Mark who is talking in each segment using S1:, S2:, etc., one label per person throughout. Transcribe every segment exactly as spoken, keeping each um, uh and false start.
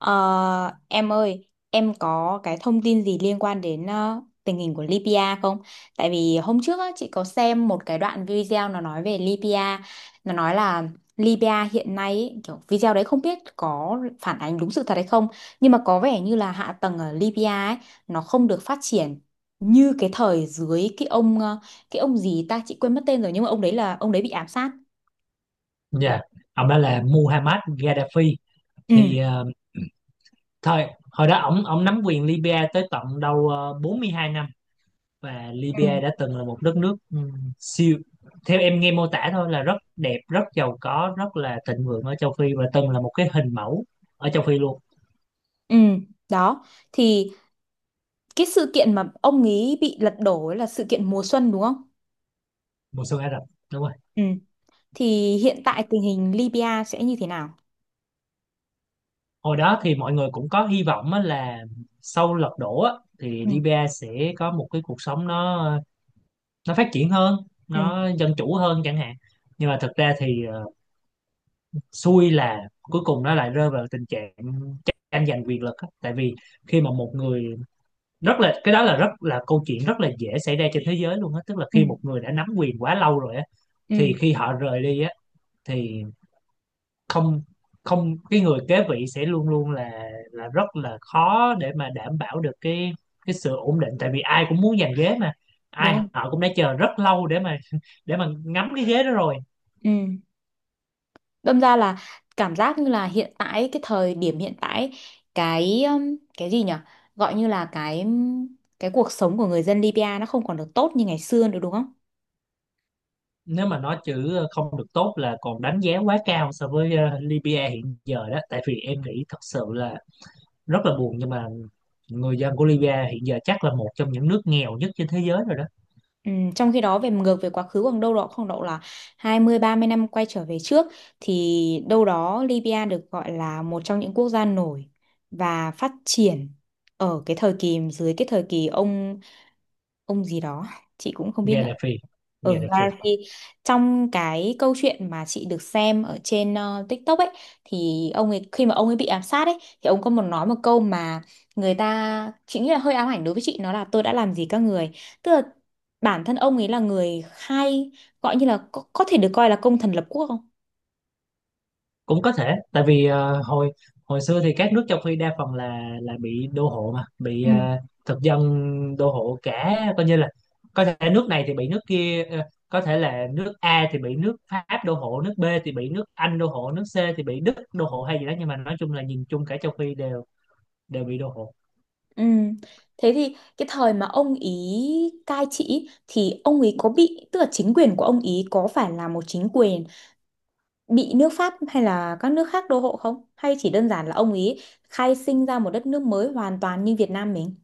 S1: Ờ, em ơi, em có cái thông tin gì liên quan đến ờ, tình hình của Libya không? Tại vì hôm trước á, chị có xem một cái đoạn video nó nói về Libya, nó nói là Libya hiện nay ý, kiểu video đấy không biết có phản ánh đúng sự thật hay không, nhưng mà có vẻ như là hạ tầng ở Libya ấy nó không được phát triển như cái thời dưới cái ông ờ, cái ông gì ta chị quên mất tên rồi, nhưng mà ông đấy là ông đấy bị ám sát.
S2: Dạ, ông đó là Muhammad Gaddafi.
S1: Ừ.
S2: Thì ờ, thời hồi đó ổng ổng nắm quyền Libya tới tận đâu ờ, bốn mươi hai năm. Và
S1: Ừ.
S2: Libya đã từng là một đất nước ừm, siêu, theo em nghe mô tả thôi, là rất đẹp, rất giàu có, rất là thịnh vượng ở châu Phi và từng là một cái hình mẫu ở châu Phi luôn.
S1: Ừ, đó thì cái sự kiện mà ông ấy bị lật đổ ấy là sự kiện mùa xuân đúng không?
S2: Mùa xuân Ả Rập. Đúng rồi.
S1: Ừ. Thì hiện tại tình hình Libya sẽ như thế nào?
S2: Hồi đó thì mọi người cũng có hy vọng á là sau lật đổ á, thì
S1: Ừ.
S2: Libya sẽ có một cái cuộc sống nó nó phát triển hơn,
S1: Ừ.
S2: nó dân chủ hơn chẳng hạn. Nhưng mà thực ra thì ờ, xui là cuối cùng nó lại rơi vào tình trạng tranh giành quyền lực á. Tại vì khi mà một người rất là cái đó là rất là câu chuyện rất là dễ xảy ra trên thế giới luôn á, tức là
S1: Ừ.
S2: khi một người đã nắm quyền quá lâu rồi á,
S1: Ừ.
S2: thì khi họ rời đi á, thì không không cái người kế vị sẽ luôn luôn là là rất là khó để mà đảm bảo được cái cái sự ổn định, tại vì ai cũng muốn giành ghế mà,
S1: Đúng
S2: ai
S1: không?
S2: họ cũng đã chờ rất lâu để mà để mà ngắm cái ghế đó rồi.
S1: Ừ. Đâm ra là, cảm giác như là hiện tại, cái thời điểm hiện tại, cái um, cái gì nhỉ? Gọi như là cái cái cuộc sống của người dân Libya nó không còn được tốt như ngày xưa nữa đúng không?
S2: Nếu mà nói chữ ờ, không được tốt là còn đánh giá quá cao so với ờ, Libya hiện giờ đó, tại vì em nghĩ thật sự là rất là buồn, nhưng mà người dân của Libya hiện giờ chắc là một trong những nước nghèo nhất trên thế giới rồi đó.
S1: Ừ, trong khi đó về ngược về quá khứ khoảng đâu đó khoảng độ là hai mươi ba mươi năm quay trở về trước, thì đâu đó Libya được gọi là một trong những quốc gia nổi và phát triển ở cái thời kỳ, dưới cái thời kỳ ông ông gì đó chị cũng không biết nữa.
S2: Gaddafi.
S1: ở ừ,
S2: Gaddafi.
S1: Gaddafi. Trong cái câu chuyện mà chị được xem ở trên ờ, TikTok ấy, thì ông ấy khi mà ông ấy bị ám sát ấy thì ông có một nói một câu mà người ta, chị nghĩ là hơi ám ảnh đối với chị, nó là tôi đã làm gì các người. Tức là bản thân ông ấy là người khai, gọi như là có, có thể được coi là công thần lập quốc không?
S2: Cũng có thể, tại vì ờ, hồi hồi xưa thì các nước châu Phi đa phần là là bị đô hộ mà, bị
S1: Ừ.
S2: ờ, thực dân đô hộ cả, coi như là có thể nước này thì bị nước kia ờ, có thể là nước A thì bị nước Pháp đô hộ, nước B thì bị nước Anh đô hộ, nước C thì bị Đức đô hộ hay gì đó, nhưng mà nói chung là nhìn chung cả châu Phi đều đều bị đô hộ.
S1: Ừ. Thế thì cái thời mà ông ý cai trị thì ông ý có bị, tức là chính quyền của ông ý có phải là một chính quyền bị nước Pháp hay là các nước khác đô hộ không? Hay chỉ đơn giản là ông ý khai sinh ra một đất nước mới hoàn toàn như Việt Nam mình?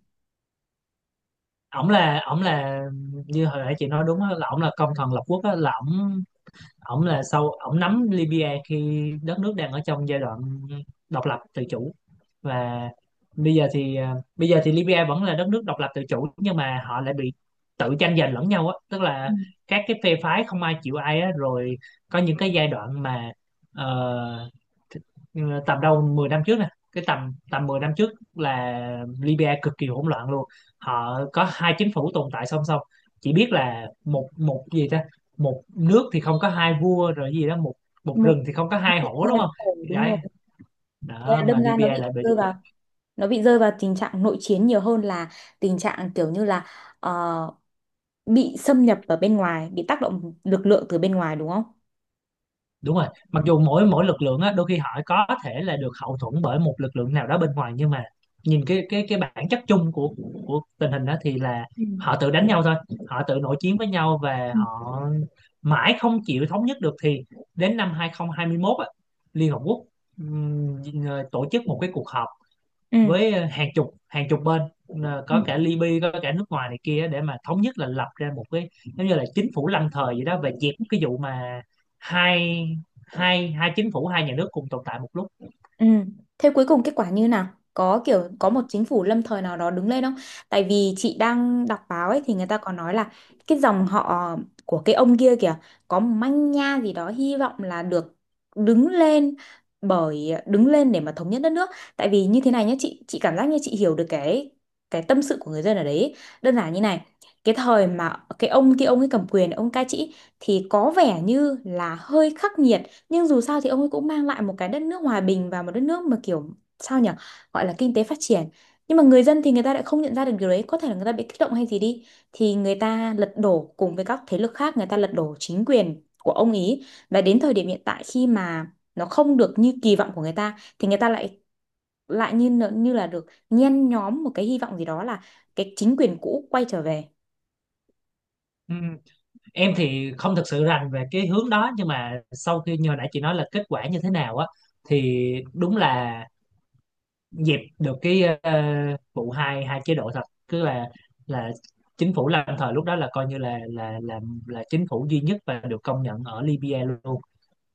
S2: Ổng là ổng là như hồi nãy chị nói đúng á, là ổng là công thần lập quốc á, là ổng ổng là sau ổng nắm Libya khi đất nước đang ở trong giai đoạn độc lập tự chủ. Và bây giờ thì à, bây giờ thì Libya vẫn là đất nước độc lập tự chủ, nhưng mà họ lại bị tự tranh giành lẫn nhau á, tức
S1: Ừ.
S2: là các cái phe phái không ai chịu ai á. Rồi có những cái giai đoạn mà ờ, th- tầm đâu mười năm trước nè, cái tầm tầm mười năm trước là Libya cực kỳ hỗn loạn luôn. Họ có hai chính phủ tồn tại song song. Chỉ biết là một một gì ta, một nước thì không có hai vua rồi gì đó, một một
S1: Một.
S2: rừng thì không có
S1: Nó
S2: hai
S1: bị
S2: hổ đúng
S1: thay
S2: không.
S1: đổi đúng
S2: Đấy.
S1: rồi. Thế
S2: Đó
S1: là
S2: mà
S1: đâm ra nó
S2: Libya
S1: bị
S2: lại bị.
S1: rơi vào nó bị rơi vào tình trạng nội chiến nhiều hơn là tình trạng kiểu như là ờ, bị xâm nhập ở bên ngoài, bị tác động lực lượng từ bên ngoài đúng không?
S2: Đúng rồi, mặc dù mỗi mỗi lực lượng á đôi khi họ có thể là được hậu thuẫn bởi một lực lượng nào đó bên ngoài, nhưng mà nhìn cái cái cái bản chất chung của của tình hình đó thì là
S1: Ừ.
S2: họ tự đánh nhau thôi. Họ tự nội chiến với nhau và
S1: Ừ.
S2: họ mãi không chịu thống nhất được, thì đến năm hai không hai một á, Liên Hợp Quốc ừm, tổ chức một cái cuộc họp
S1: Ừ.
S2: với ờ, hàng chục hàng chục bên, ờ,
S1: Ừ.
S2: có cả Libya có cả nước ngoài này kia, để mà thống nhất là lập ra một cái giống như là chính phủ lâm thời vậy đó, và dẹp cái vụ mà hai hai hai chính phủ, hai nhà nước cùng tồn tại một lúc.
S1: Ừ. Thế cuối cùng kết quả như nào? Có kiểu có một chính phủ lâm thời nào đó đứng lên không? Tại vì chị đang đọc báo ấy thì người ta có nói là cái dòng họ của cái ông kia kìa có một manh nha gì đó, hy vọng là được đứng lên, bởi đứng lên để mà thống nhất đất nước. Tại vì như thế này nhé, chị chị cảm giác như chị hiểu được cái cái tâm sự của người dân ở đấy ấy. Đơn giản như này, cái thời mà cái ông kia ông ấy cầm quyền, ông cai trị thì có vẻ như là hơi khắc nghiệt, nhưng dù sao thì ông ấy cũng mang lại một cái đất nước hòa bình và một đất nước mà, kiểu sao nhỉ, gọi là kinh tế phát triển. Nhưng mà người dân thì người ta lại không nhận ra được điều đấy, có thể là người ta bị kích động hay gì đi, thì người ta lật đổ cùng với các thế lực khác, người ta lật đổ chính quyền của ông ý. Và đến thời điểm hiện tại khi mà nó không được như kỳ vọng của người ta thì người ta lại, lại như nợ- như là được nhen nhóm một cái hy vọng gì đó, là cái chính quyền cũ quay trở về.
S2: Ừ. Em thì không thực sự rành về cái hướng đó, nhưng mà sau khi như hồi nãy chị nói là kết quả như thế nào á, thì đúng là dẹp được cái ờ, vụ hai hai chế độ thật. Cứ là là chính phủ lâm thời lúc đó là coi như là là là là chính phủ duy nhất và được công nhận ở Libya luôn.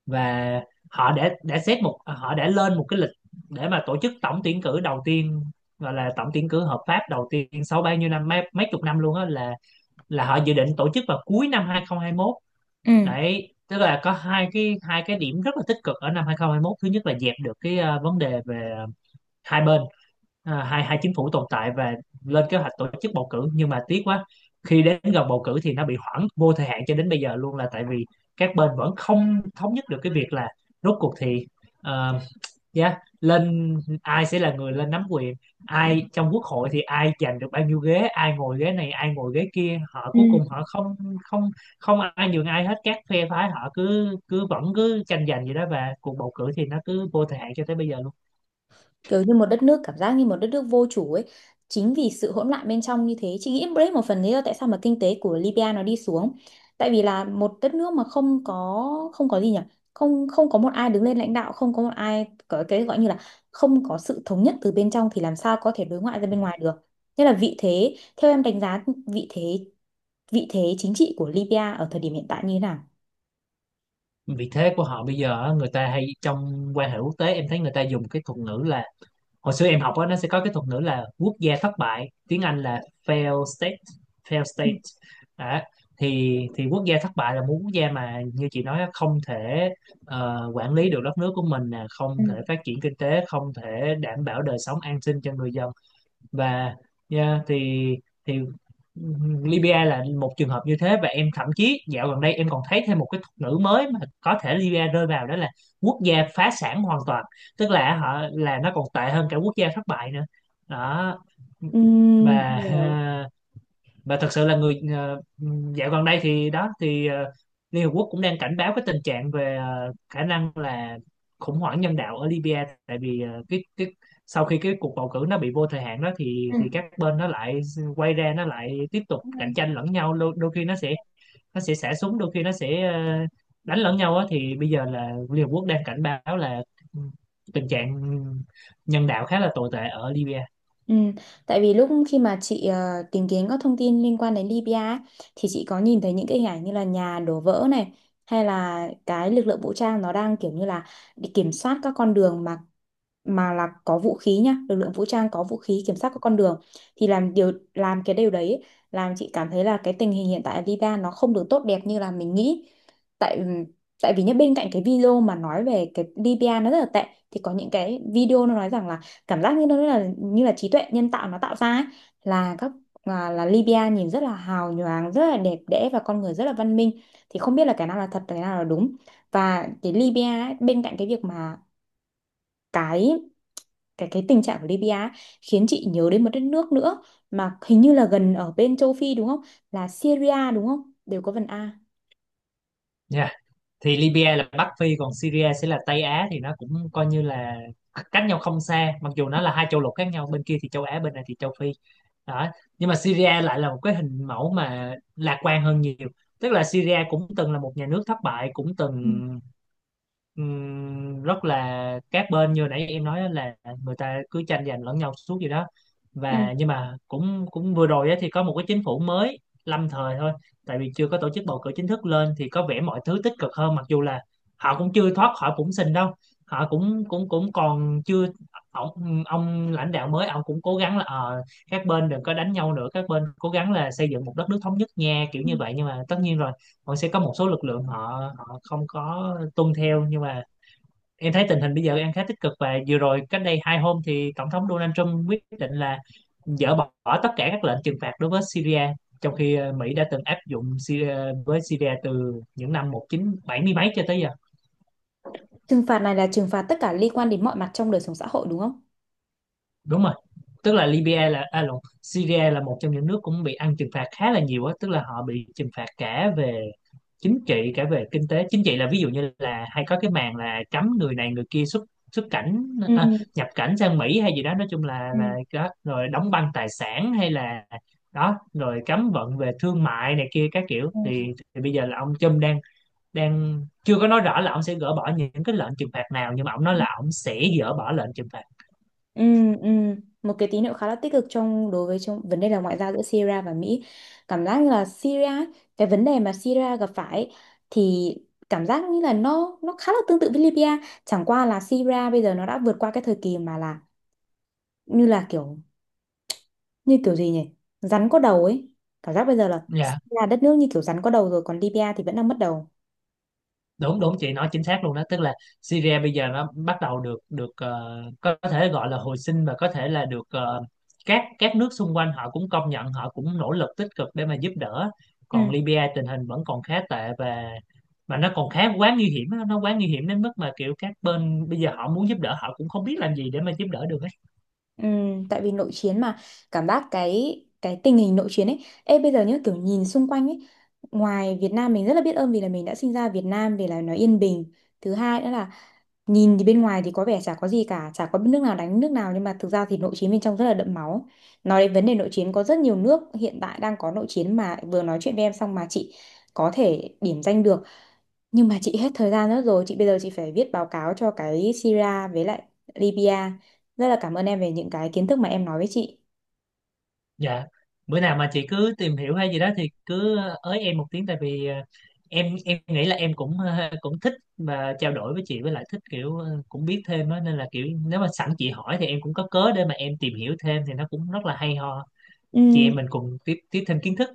S2: Và họ đã đã xét một họ đã lên một cái lịch để mà tổ chức tổng tuyển cử đầu tiên, gọi là tổng tuyển cử hợp pháp đầu tiên sau bao nhiêu năm, mấy, mấy chục năm luôn á, là là họ dự định tổ chức vào cuối năm hai không hai một.
S1: Ừ.
S2: Đấy, tức là có hai cái hai cái điểm rất là tích cực ở năm hai không hai một. Thứ nhất là dẹp được cái ờ, vấn đề về hai bên, à, hai hai chính phủ tồn tại, và lên kế hoạch tổ chức bầu cử. Nhưng mà tiếc quá, khi đến gần bầu cử thì nó bị hoãn vô thời hạn cho đến bây giờ luôn, là tại vì các bên vẫn không thống nhất được cái việc là rốt cuộc thì ờ, yeah, lên ai sẽ là người lên nắm quyền, ai trong quốc hội thì ai giành được bao nhiêu ghế, ai ngồi ghế này ai ngồi ghế kia. Họ
S1: Ừ.
S2: cuối cùng họ không không không ai nhường ai hết. Các phe phái họ cứ cứ vẫn cứ tranh giành vậy đó, và cuộc bầu cử thì nó cứ vô thời hạn cho tới bây giờ luôn.
S1: Kiểu như một đất nước, cảm giác như một đất nước vô chủ ấy. Chính vì sự hỗn loạn bên trong như thế, chị nghĩ đấy một phần lý do tại sao mà kinh tế của Libya nó đi xuống. Tại vì là một đất nước mà không có, không có gì nhỉ, không không có một ai đứng lên lãnh đạo, không có một ai, có cái gọi như là không có sự thống nhất từ bên trong, thì làm sao có thể đối ngoại ra bên ngoài được. Nên là vị thế, theo em đánh giá vị thế, vị thế chính trị của Libya ở thời điểm hiện tại như thế nào?
S2: Vị thế của họ bây giờ á, người ta hay trong quan hệ quốc tế, em thấy người ta dùng cái thuật ngữ là, hồi xưa em học á, nó sẽ có cái thuật ngữ là quốc gia thất bại, tiếng Anh là failed state. Failed state đó. thì thì quốc gia thất bại là một quốc gia mà như chị nói á, không thể ờ, quản lý được đất nước của mình nè,
S1: Ừ.
S2: không thể phát triển kinh tế, không thể đảm bảo đời sống an sinh cho người dân. Và yeah, thì thì Libya là một trường hợp như thế, và em thậm chí dạo gần đây em còn thấy thêm một cái thuật ngữ mới mà có thể Libya rơi vào, đó là quốc gia phá sản hoàn toàn, tức là họ là nó còn tệ hơn cả quốc gia thất bại nữa đó.
S1: Ừm. Nhiều.
S2: Và và thật sự là người ờ, dạo gần đây thì đó thì ờ, Liên Hợp Quốc cũng đang cảnh báo cái tình trạng về ờ, khả năng là khủng hoảng nhân đạo ở Libya. Tại vì ờ, cái cái sau khi cái cuộc bầu cử nó bị vô thời hạn đó, thì
S1: Ừ.
S2: thì các bên nó lại quay ra nó lại tiếp tục cạnh tranh lẫn nhau. Đôi, đôi khi nó sẽ nó sẽ xả súng, đôi khi nó sẽ ờ, đánh lẫn nhau á. Thì bây giờ là Liên Hợp Quốc đang cảnh báo là tình trạng nhân đạo khá là tồi tệ ở Libya.
S1: Ừ, tại vì lúc khi mà chị ờ, tìm kiếm các thông tin liên quan đến Libya ấy, thì chị có nhìn thấy những cái hình ảnh như là nhà đổ vỡ này, hay là cái lực lượng vũ trang nó đang kiểu như là đi kiểm soát các con đường, mà mà là có vũ khí nhá, lực lượng vũ trang có vũ khí kiểm soát các con đường, thì làm điều, làm cái điều đấy ấy, làm chị cảm thấy là cái tình hình hiện tại ở Libya nó không được tốt đẹp như là mình nghĩ. Tại tại vì nhá, bên cạnh cái video mà nói về cái Libya nó rất là tệ, thì có những cái video nó nói rằng là, cảm giác như nó là như là trí tuệ nhân tạo nó tạo ra ấy, là các, là, là Libya nhìn rất là hào nhoáng, rất là đẹp đẽ, và con người rất là văn minh, thì không biết là cái nào là thật, cái nào là đúng. Và cái Libya ấy, bên cạnh cái việc mà cái, cái cái tình trạng của Libya ấy, khiến chị nhớ đến một đất nước nữa mà hình như là gần ở bên châu Phi đúng không, là Syria đúng không, đều có vần A.
S2: Dạ. Thì Libya là Bắc Phi, còn Syria sẽ là Tây Á, thì nó cũng coi như là cách nhau không xa, mặc dù nó là hai châu lục khác nhau, bên kia thì châu Á bên này thì châu Phi đó. Nhưng mà Syria lại là một cái hình mẫu mà lạc quan hơn nhiều, tức là Syria cũng từng là một nhà nước thất bại, cũng
S1: Ừ.
S2: từng ừm, rất là các bên như nãy em nói á là người ta cứ tranh giành lẫn nhau suốt gì đó.
S1: Ừ.
S2: Và nhưng mà cũng cũng vừa rồi á thì có một cái chính phủ mới lâm thời thôi, tại vì chưa có tổ chức bầu cử chính thức lên, thì có vẻ mọi thứ tích cực hơn, mặc dù là họ cũng chưa thoát khỏi bủn xỉn đâu, họ cũng cũng cũng còn chưa. Ông, ông lãnh đạo mới, ông cũng cố gắng là ờ, các bên đừng có đánh nhau nữa, các bên cố gắng là xây dựng một đất nước thống nhất nha, kiểu
S1: Ừ.
S2: như vậy. Nhưng mà tất nhiên rồi, còn sẽ có một số lực lượng họ họ không có tuân theo, nhưng mà em thấy tình hình bây giờ đang khá tích cực. Và vừa rồi cách đây hai hôm thì tổng thống Donald Trump quyết định là dỡ bỏ tất cả các lệnh trừng phạt đối với Syria, trong khi ờ, Mỹ đã từng áp dụng Syria, với Syria từ những năm một chín bảy không mấy cho tới giờ.
S1: Trừng phạt này là trừng phạt tất cả liên quan đến mọi mặt trong đời sống xã hội đúng không?
S2: Đúng rồi, tức là Libya là à, lộn, Syria là một trong những nước cũng bị ăn trừng phạt khá là nhiều á, tức là họ bị trừng phạt cả về chính trị cả về kinh tế. Chính trị là ví dụ như là hay có cái màn là cấm người này người kia xuất xuất cảnh,
S1: Ừ.
S2: à, nhập cảnh sang Mỹ hay gì đó, nói chung là
S1: Ừ.
S2: là đó. Rồi đóng băng tài sản hay là đó. Rồi cấm vận về thương mại này kia các kiểu, thì, thì bây giờ là ông Trump đang đang chưa có nói rõ là ông sẽ gỡ bỏ những cái lệnh trừng phạt nào, nhưng mà ông nói
S1: Ừ.
S2: là ông sẽ gỡ bỏ lệnh trừng phạt.
S1: Ừ, ừ. Một cái tín hiệu khá là tích cực trong, đối với, trong vấn đề là ngoại giao giữa Syria và Mỹ. Cảm giác như là Syria, cái vấn đề mà Syria gặp phải ấy, thì cảm giác như là nó nó khá là tương tự với Libya. Chẳng qua là Syria bây giờ nó đã vượt qua cái thời kỳ mà là như là kiểu, như kiểu gì nhỉ? Rắn có đầu ấy. Cảm giác bây giờ là
S2: Dạ.
S1: Syria đất nước như kiểu rắn có đầu rồi, còn Libya thì vẫn đang mất đầu.
S2: Đúng đúng, chị nói chính xác luôn đó, tức là Syria bây giờ nó bắt đầu được được ờ, có thể gọi là hồi sinh, và có thể là được ờ, các các nước xung quanh họ cũng công nhận, họ cũng nỗ lực tích cực để mà giúp đỡ.
S1: Ừ.
S2: Còn Libya tình hình vẫn còn khá tệ, và và nó còn khá quá nguy hiểm á, nó quá nguy hiểm đến mức mà kiểu các bên bây giờ họ muốn giúp đỡ họ cũng không biết làm gì để mà giúp đỡ được.
S1: Ừ, tại vì nội chiến mà. Cảm giác cái cái tình hình nội chiến ấy, ê bây giờ nhá, kiểu nhìn xung quanh ấy, ngoài Việt Nam mình, rất là biết ơn vì là mình đã sinh ra Việt Nam vì là nó yên bình. Thứ hai nữa là nhìn thì bên ngoài thì có vẻ chả có gì cả, chả có nước nào đánh nước nào, nhưng mà thực ra thì nội chiến bên trong rất là đẫm máu. Nói đến vấn đề nội chiến, có rất nhiều nước hiện tại đang có nội chiến mà vừa nói chuyện với em xong mà chị có thể điểm danh được, nhưng mà chị hết thời gian nữa rồi. Chị bây giờ chị phải viết báo cáo cho cái Syria với lại Libya. Rất là cảm ơn em về những cái kiến thức mà em nói với chị.
S2: Dạ, bữa nào mà chị cứ tìm hiểu hay gì đó thì cứ ờ, ới em một tiếng, tại vì ờ, em em nghĩ là em cũng ờ, cũng thích và trao đổi với chị, với lại thích kiểu ờ, cũng biết thêm á, nên là kiểu nếu mà sẵn chị hỏi thì em cũng có cớ để mà em tìm hiểu thêm, thì nó cũng rất là hay ho. Chị
S1: Ừm,
S2: em mình cùng tiếp tiếp thêm kiến thức.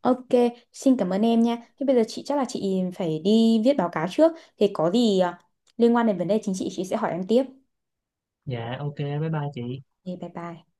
S1: ok, xin cảm ơn em nha. Thế bây giờ chị chắc là chị phải đi viết báo cáo trước. Thì có gì à, liên quan đến vấn đề chính trị chị sẽ hỏi em tiếp.
S2: Dạ, ok, bye bye chị.
S1: Thì bye bye.